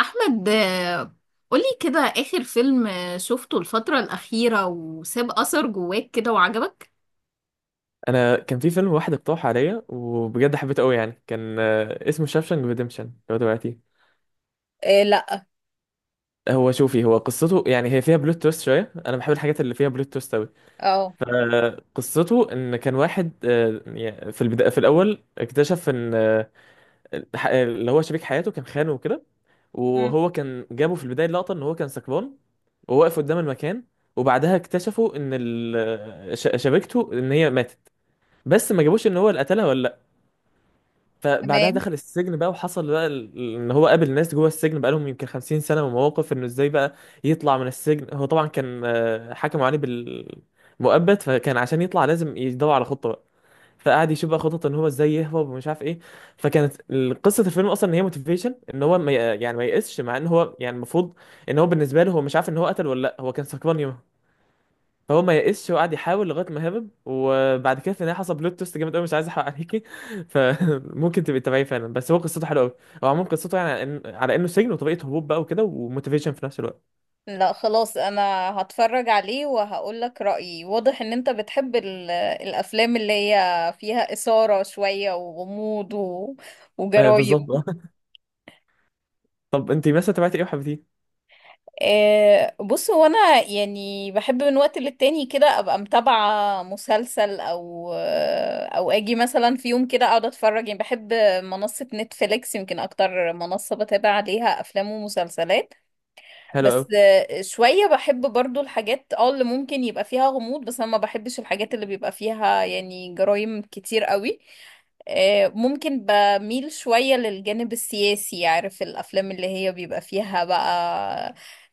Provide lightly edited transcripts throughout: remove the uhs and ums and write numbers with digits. احمد قولي كده اخر فيلم شفته الفترة الأخيرة وساب أثر جواك كده وعجبك. انا كان في فيلم واحد اقترح عليا وبجد حبيته قوي يعني كان اسمه شاوشانك ريديمشن لو دلوقتي. إيه، لا. هو شوفي، هو قصته يعني هي فيها بلوت تويست شويه، انا بحب الحاجات اللي فيها بلوت تويست قوي. اه. فقصته ان كان واحد يعني في البدايه في الاول اكتشف ان اللي هو شريك حياته كان خانه وكده، مم. وهو كان جابه في البدايه لقطه ان هو كان سكران وواقف قدام المكان. وبعدها اكتشفوا ان شبكته ان هي ماتت، بس ما جابوش ان هو اللي قتلها ولا. فبعدها تمام. دخل السجن بقى، وحصل بقى ان هو قابل ناس جوه السجن بقى لهم يمكن 50 سنه، ومواقف انه ازاي بقى يطلع من السجن. هو طبعا كان حكموا عليه بالمؤبد، فكان عشان يطلع لازم يدور على خطه بقى. فقعد يشوف بقى خطط ان هو ازاي يهرب ومش عارف ايه. فكانت قصه الفيلم اصلا ان هي موتيفيشن ان هو ما ي- يعني ما ييأسش، مع ان هو يعني المفروض ان هو بالنسبه له هو مش عارف ان هو قتل ولا لا، هو كان سكران. فهو ما يئسش وقعد يحاول لغايه ما هرب، وبعد كده في النهايه حصل بلوت تويست جامد قوي، مش عايز احرق عليكي. فممكن تبقي تتابعيه فعلا، بس هو قصته حلوه قوي. هو عموما قصته يعني على على انه سجن وطريقه هروب بقى وكده وموتيفيشن في نفس الوقت. لا خلاص، انا هتفرج عليه وهقول لك رأيي. واضح ان انت بتحب الافلام اللي هي فيها إثارة شوية وغموض بالظبط وجرايم. اه. طب انت مثلا تابعتي ايه وحبيتيه؟ بص هو انا يعني بحب من وقت للتاني كده ابقى متابعة مسلسل او او اجي مثلا في يوم كده اقعد اتفرج. يعني بحب منصة نتفليكس، يمكن اكتر منصة بتابع عليها افلام ومسلسلات. حلو قوي. بس شوية بحب برضو الحاجات اه اللي ممكن يبقى فيها غموض، بس انا ما بحبش الحاجات اللي بيبقى فيها يعني جرائم كتير قوي. ممكن بميل شوية للجانب السياسي، عارف الأفلام اللي هي بيبقى فيها بقى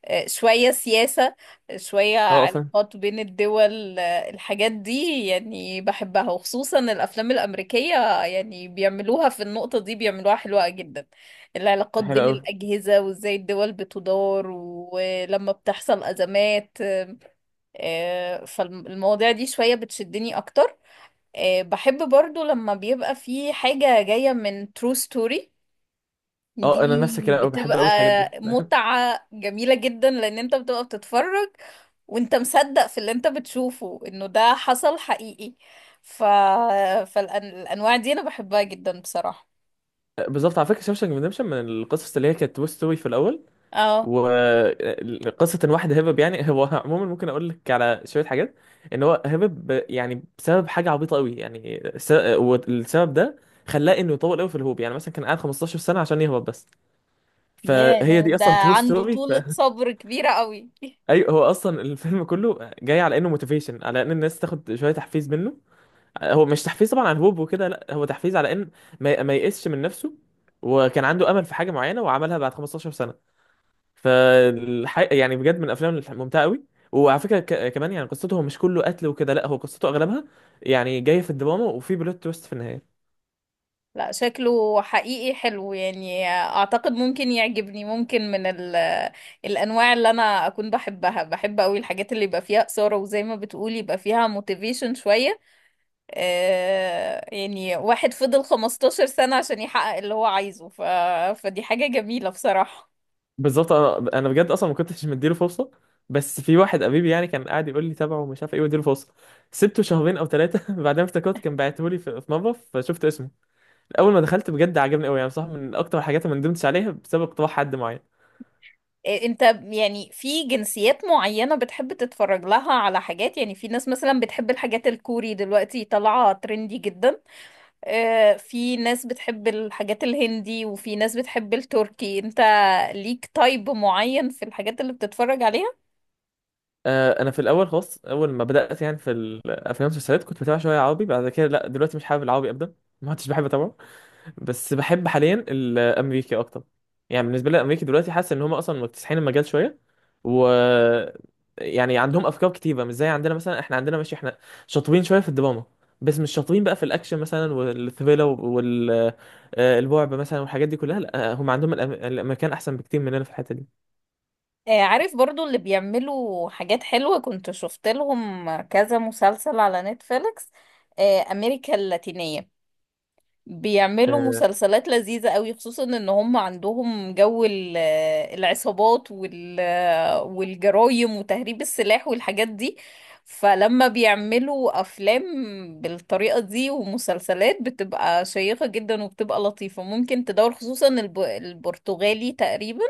شوية سياسة، شوية اه فاهم. علاقات بين الدول، الحاجات دي يعني بحبها، وخصوصا الأفلام الأمريكية. يعني بيعملوها في النقطة دي بيعملوها حلوة جدا. العلاقات حلو بين قوي. الأجهزة وإزاي الدول بتدار ولما بتحصل أزمات. فالمواضيع دي شوية بتشدني أكتر. بحب برضو لما بيبقى في حاجة جاية من true story اه، انا نفس دي. الكلام قوي بحب بتبقى قوي الحاجات دي متعة جميلة جدا، لأن أنت بتبقى بتتفرج وأنت مصدق في اللي أنت بتشوفه إنه ده حصل حقيقي. ف... فالأنواع دي أنا بحبها جدا بصراحة. بالظبط، على فكره شاوشانك ريدمشن من القصص اللي هي كانت توي ستوري في الاول. اه. وقصة ان واحد هرب يعني هو عموما ممكن اقول لك على شوية حاجات. ان هو هرب يعني بسبب حاجة عبيطة قوي يعني والسبب ده خلاه انه يطول قوي في الهوب، يعني مثلا كان قاعد 15 سنة عشان يهرب بس. فهي ياه دي ده اصلا ترو عنده ستوري طولة صبر كبيرة قوي. ايوه، هو اصلا الفيلم كله جاي على انه موتيفيشن على ان الناس تاخد شوية تحفيز منه. هو مش تحفيز طبعا عن الهوب وكده، لا، هو تحفيز على ان ما يئسش من نفسه. وكان عنده امل في حاجة معينة وعملها بعد 15 سنة. فالحقيقة يعني بجد من الافلام الممتعه قوي. وعلى فكره كمان يعني قصته مش كله قتل وكده، لا، هو قصته اغلبها يعني جايه في الدراما وفي بلوت تويست في النهايه. لا شكله حقيقي حلو، يعني اعتقد ممكن يعجبني. ممكن من الانواع اللي انا اكون بحبها. بحب قوي الحاجات اللي يبقى فيها اثارة، وزي ما بتقولي يبقى فيها موتيفيشن شوية. آه يعني واحد فضل 15 سنة عشان يحقق اللي هو عايزه. فدي حاجة جميلة بصراحة. بالظبط، انا بجد اصلا ما كنتش مديله فرصه، بس في واحد قريبي يعني كان قاعد يقول لي تابعه ومش عارف ايه واديله فرصه. سبته شهرين او ثلاثه بعدين افتكرت كان بعته لي في مره فشفت اسمه. اول ما دخلت بجد عجبني قوي، يعني صح، من اكتر الحاجات اللي ما ندمتش عليها بسبب اقتراح حد معين. إيه، انت يعني في جنسيات معينة بتحب تتفرج لها على حاجات؟ يعني في ناس مثلا بتحب الحاجات الكوري، دلوقتي طالعة ترندي جدا. اه، في ناس بتحب الحاجات الهندي، وفي ناس بتحب التركي. انت ليك تايب معين في الحاجات اللي بتتفرج عليها؟ انا في الاول خالص اول ما بدات يعني في الافلام والمسلسلات كنت بتابع شويه عربي، بعد كده لا دلوقتي مش حابب العربي ابدا. ما عدتش بحب اتابعه. بس بحب حاليا الامريكي اكتر. يعني بالنسبه لي الامريكي دلوقتي حاسس ان هم اصلا مكتسحين المجال شويه، و يعني عندهم افكار كتيره، مش زي عندنا مثلا، احنا عندنا ماشي، احنا شاطرين شويه في الدراما. بس مش شاطرين بقى في الاكشن مثلا والثريلر والرعب مثلا والحاجات دي كلها، لا، هم عندهم الامريكان احسن بكتير مننا في الحته دي. اه، عارف برضو اللي بيعملوا حاجات حلوة، كنت شفت لهم كذا مسلسل على نتفليكس. اه، امريكا اللاتينية بيعملوا اه. مسلسلات لذيذة قوي، خصوصا ان هم عندهم جو العصابات والجرايم وتهريب السلاح والحاجات دي. فلما بيعملوا افلام بالطريقة دي ومسلسلات بتبقى شيقة جدا، وبتبقى لطيفة ممكن تدور. خصوصا البرتغالي تقريبا.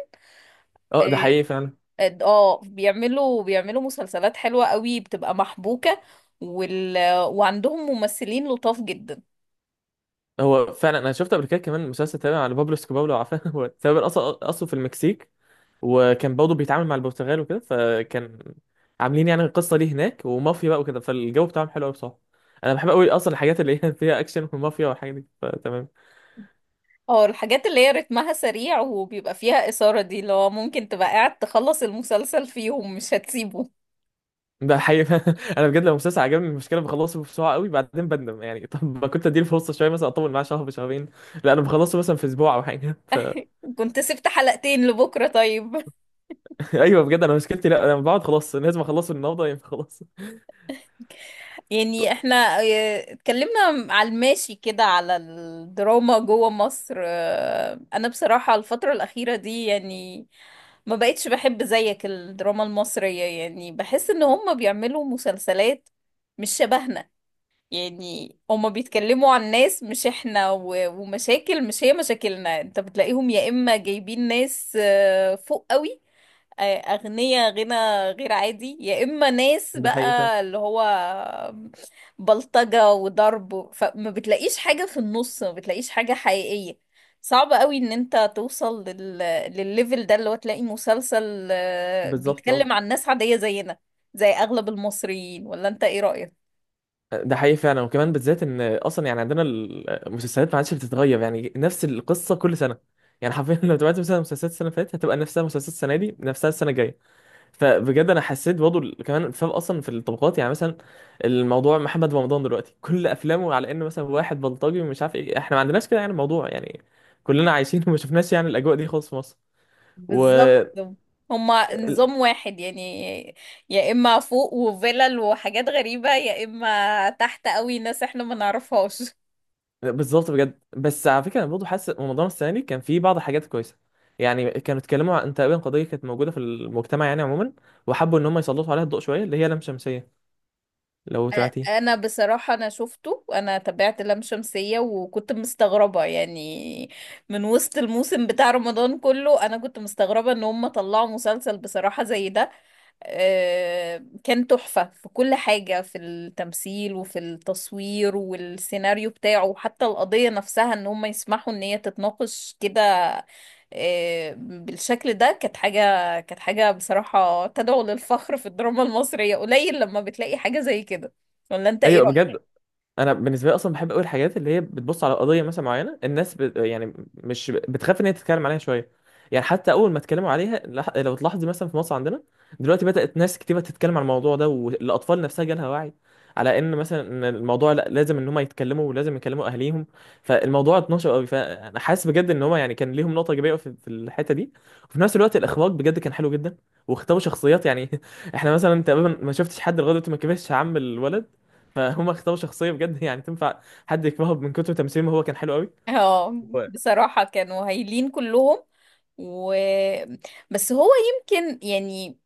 ده اه. حقيقي فعلا. بيعملوا مسلسلات حلوة قوي، بتبقى محبوكة وال... وعندهم ممثلين لطاف جدا. هو فعلا انا شفت قبل كده كمان مسلسل تابع على بابلو اسكوبار لو عارفه هو تقريبا اصلا اصله في المكسيك. وكان برضه بيتعامل مع البرتغال وكده، فكان عاملين يعني القصه دي هناك ومافيا بقى وكده، فالجو بتاعهم حلو قوي بصراحه. انا بحب قوي اصلا الحاجات اللي هي فيها اكشن ومافيا والحاجات دي، فتمام. اه، الحاجات اللي هي رتمها سريع وبيبقى فيها إثارة، دي اللي هو ممكن تبقى قاعد تخلص المسلسل فيهم مش هتسيبه. ده حقيقي انا بجد لو مسلسل عجبني المشكله بخلصه بسرعه قوي بعدين بندم يعني طب ما كنت اديله فرصه شويه، مثلا اطول معاه شهر شهرين. لا، انا بخلصه مثلا في اسبوع او حاجه كنت سبت حلقتين لبكرة طيب؟ ايوه بجد انا مشكلتي، لا، انا بقعد خلاص لازم اخلصه النهارده، ينفع خلاص يعني احنا اه، اتكلمنا على الماشي كده على الدراما جوه مصر. اه، انا بصراحة الفترة الأخيرة دي يعني ما بقتش بحب زيك الدراما المصرية. يعني بحس ان هم بيعملوا مسلسلات مش شبهنا. يعني هما بيتكلموا عن ناس مش احنا ومشاكل مش هي مشاكلنا. انت بتلاقيهم يا اما جايبين ناس فوق قوي، اغنياء غنى غير عادي، يا اما ناس ده حقيقي فعلا. بقى اللي هو بلطجة وضرب. فما بتلاقيش حاجة في النص، ما بتلاقيش حاجة حقيقية. صعب قوي ان انت توصل للليفل ده اللي هو تلاقي مسلسل بالظبط. بيتكلم عن ناس عادية زينا، زي اغلب المصريين. ولا انت ايه رأيك؟ ده حقيقي فعلا، وكمان بالذات ان اصلا يعني عندنا المسلسلات ما عادش بتتغير، يعني نفس القصه كل سنه. يعني حرفيا لو تابعت مثلا مسلسلات السنه اللي فاتت هتبقى نفسها مسلسلات السنه دي، نفسها السنه الجايه. فبجد انا حسيت برضه كمان الفرق اصلا في الطبقات، يعني مثلا الموضوع محمد رمضان دلوقتي كل افلامه على انه مثلا واحد بلطجي ومش عارف ايه، احنا ما عندناش كده، يعني الموضوع يعني كلنا عايشين وما شفناش يعني الاجواء دي خالص في مصر. بالظبط، هما نظام واحد يعني. يا اما فوق وفيلل وحاجات غريبة، يا اما تحت قوي ناس احنا ما نعرفهاش. بالظبط بجد، بس على فكره انا برضه حاسس رمضان السنه دي كان فيه بعض الحاجات كويسه. يعني كانوا اتكلموا عن تقريبا قضيه كانت موجوده في المجتمع يعني عموما، وحبوا ان هم يسلطوا عليها الضوء شويه، اللي هي لام شمسيه لو أ- تعرفي. انا بصراحة انا شفته، انا تابعت لام شمسية وكنت مستغربة. يعني من وسط الموسم بتاع رمضان كله، انا كنت مستغربة ان هم طلعوا مسلسل بصراحة زي ده. كان تحفة في كل حاجة، في التمثيل وفي التصوير والسيناريو بتاعه، وحتى القضية نفسها ان هم يسمحوا ان هي تتناقش كده بالشكل ده. كانت حاجة بصراحة تدعو للفخر. في الدراما المصرية قليل لما بتلاقي حاجة زي كده. ولا انت ايه ايوه رأيك؟ بجد. انا بالنسبه لي اصلا بحب قوي الحاجات اللي هي بتبص على قضيه مثلا معينه، الناس يعني مش بتخاف ان هي تتكلم عليها شويه. يعني حتى اول ما اتكلموا عليها لو تلاحظي مثلا في مصر عندنا دلوقتي بدات ناس كتير تتكلم عن الموضوع ده، والاطفال نفسها جالها وعي على ان مثلا إن الموضوع، لا، لازم ان هم يتكلموا ولازم يكلموا اهاليهم. فالموضوع اتنشر قوي، فانا حاسس بجد ان هم يعني كان ليهم نقطه ايجابيه في الحته دي. وفي نفس الوقت الاخراج بجد كان حلو جدا. واختاروا شخصيات يعني احنا مثلا تقريبا ما شفتش حد لغايه دلوقتي ما كبرش عم الولد. فهم اختاروا شخصيه بجد يعني تنفع حد يكرهه من كتر تمثيل، ما هو كان حلو قوي. اه هو بصراحة كانوا هايلين كلهم. و بس هو يمكن يعني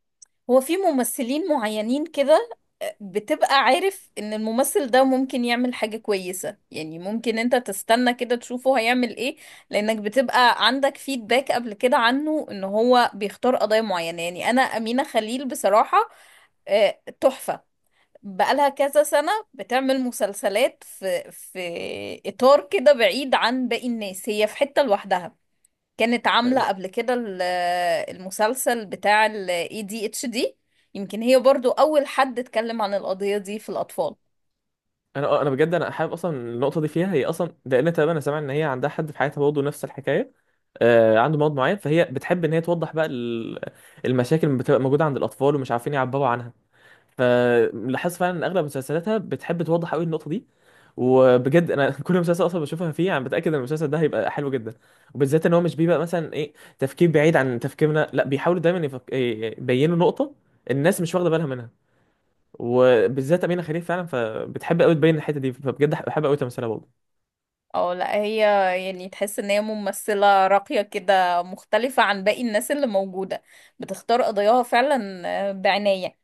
هو في ممثلين معينين كده بتبقى عارف ان الممثل ده ممكن يعمل حاجة كويسة. يعني ممكن انت تستنى كده تشوفه هيعمل ايه، لانك بتبقى عندك فيدباك قبل كده عنه ان هو بيختار قضايا معينة. يعني انا امينة خليل بصراحة تحفة. بقالها كذا سنة بتعمل مسلسلات في اطار كده بعيد عن باقي الناس، هي في حتة لوحدها. كانت عاملة انا قبل كده المسلسل بتاع ال ADHD. يمكن هي برضو أول حد اتكلم عن القضية دي في الأطفال. آه، انا بجد انا حابب اصلا النقطه دي فيها هي اصلا، لان تقريبا انا سامع ان هي عندها حد في حياتها برضه نفس الحكايه. عنده مرض معين، فهي بتحب ان هي توضح بقى المشاكل اللي بتبقى موجوده عند الاطفال ومش عارفين يعبروا عنها. فلاحظت فعلا ان اغلب مسلسلاتها بتحب توضح قوي النقطه دي. وبجد انا كل مسلسل اصلا بشوفها فيه انا بتاكد ان المسلسل ده هيبقى حلو جدا. وبالذات ان هو مش بيبقى مثلا ايه، تفكير بعيد عن تفكيرنا، لا، بيحاولوا دايما إيه، يبينوا نقطه الناس مش واخده بالها منها. وبالذات امينه خليل فعلا، فبتحب قوي تبين الحته دي، فبجد بحب قوي تمثيلها برضه. أو لا هي يعني تحس إن هي ممثلة راقية كده مختلفة عن باقي الناس اللي موجودة. بتختار قضاياها فعلا بعناية.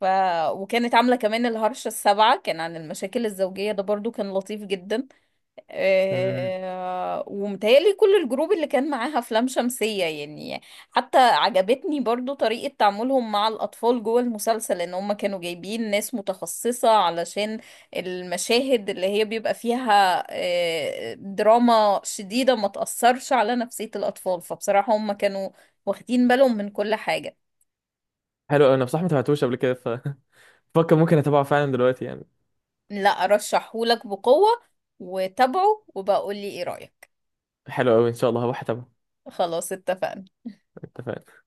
ف... وكانت عاملة كمان الهرشة السابعة، كان عن المشاكل الزوجية، ده برضو كان لطيف جدا. مم. ومتهيألي كل الجروب اللي كان معاها أفلام شمسية يعني. حتى عجبتني برضو طريقة تعاملهم مع الأطفال جوه المسلسل، إن هم كانوا جايبين ناس متخصصة علشان المشاهد اللي هي بيبقى فيها دراما شديدة ما تأثرش على نفسية الأطفال. فبصراحة هم كانوا واخدين بالهم من كل حاجة. حلو أوي، انا بصراحه ما تابعتوش قبل كده ففكر ممكن اتابعه فعلا دلوقتي يعني. لا أرشحهولك بقوة، وتابعه وبقول لي إيه رأيك. حلو قوي، ان شاء الله هروح اتابعه. خلاص اتفقنا. اتفقنا.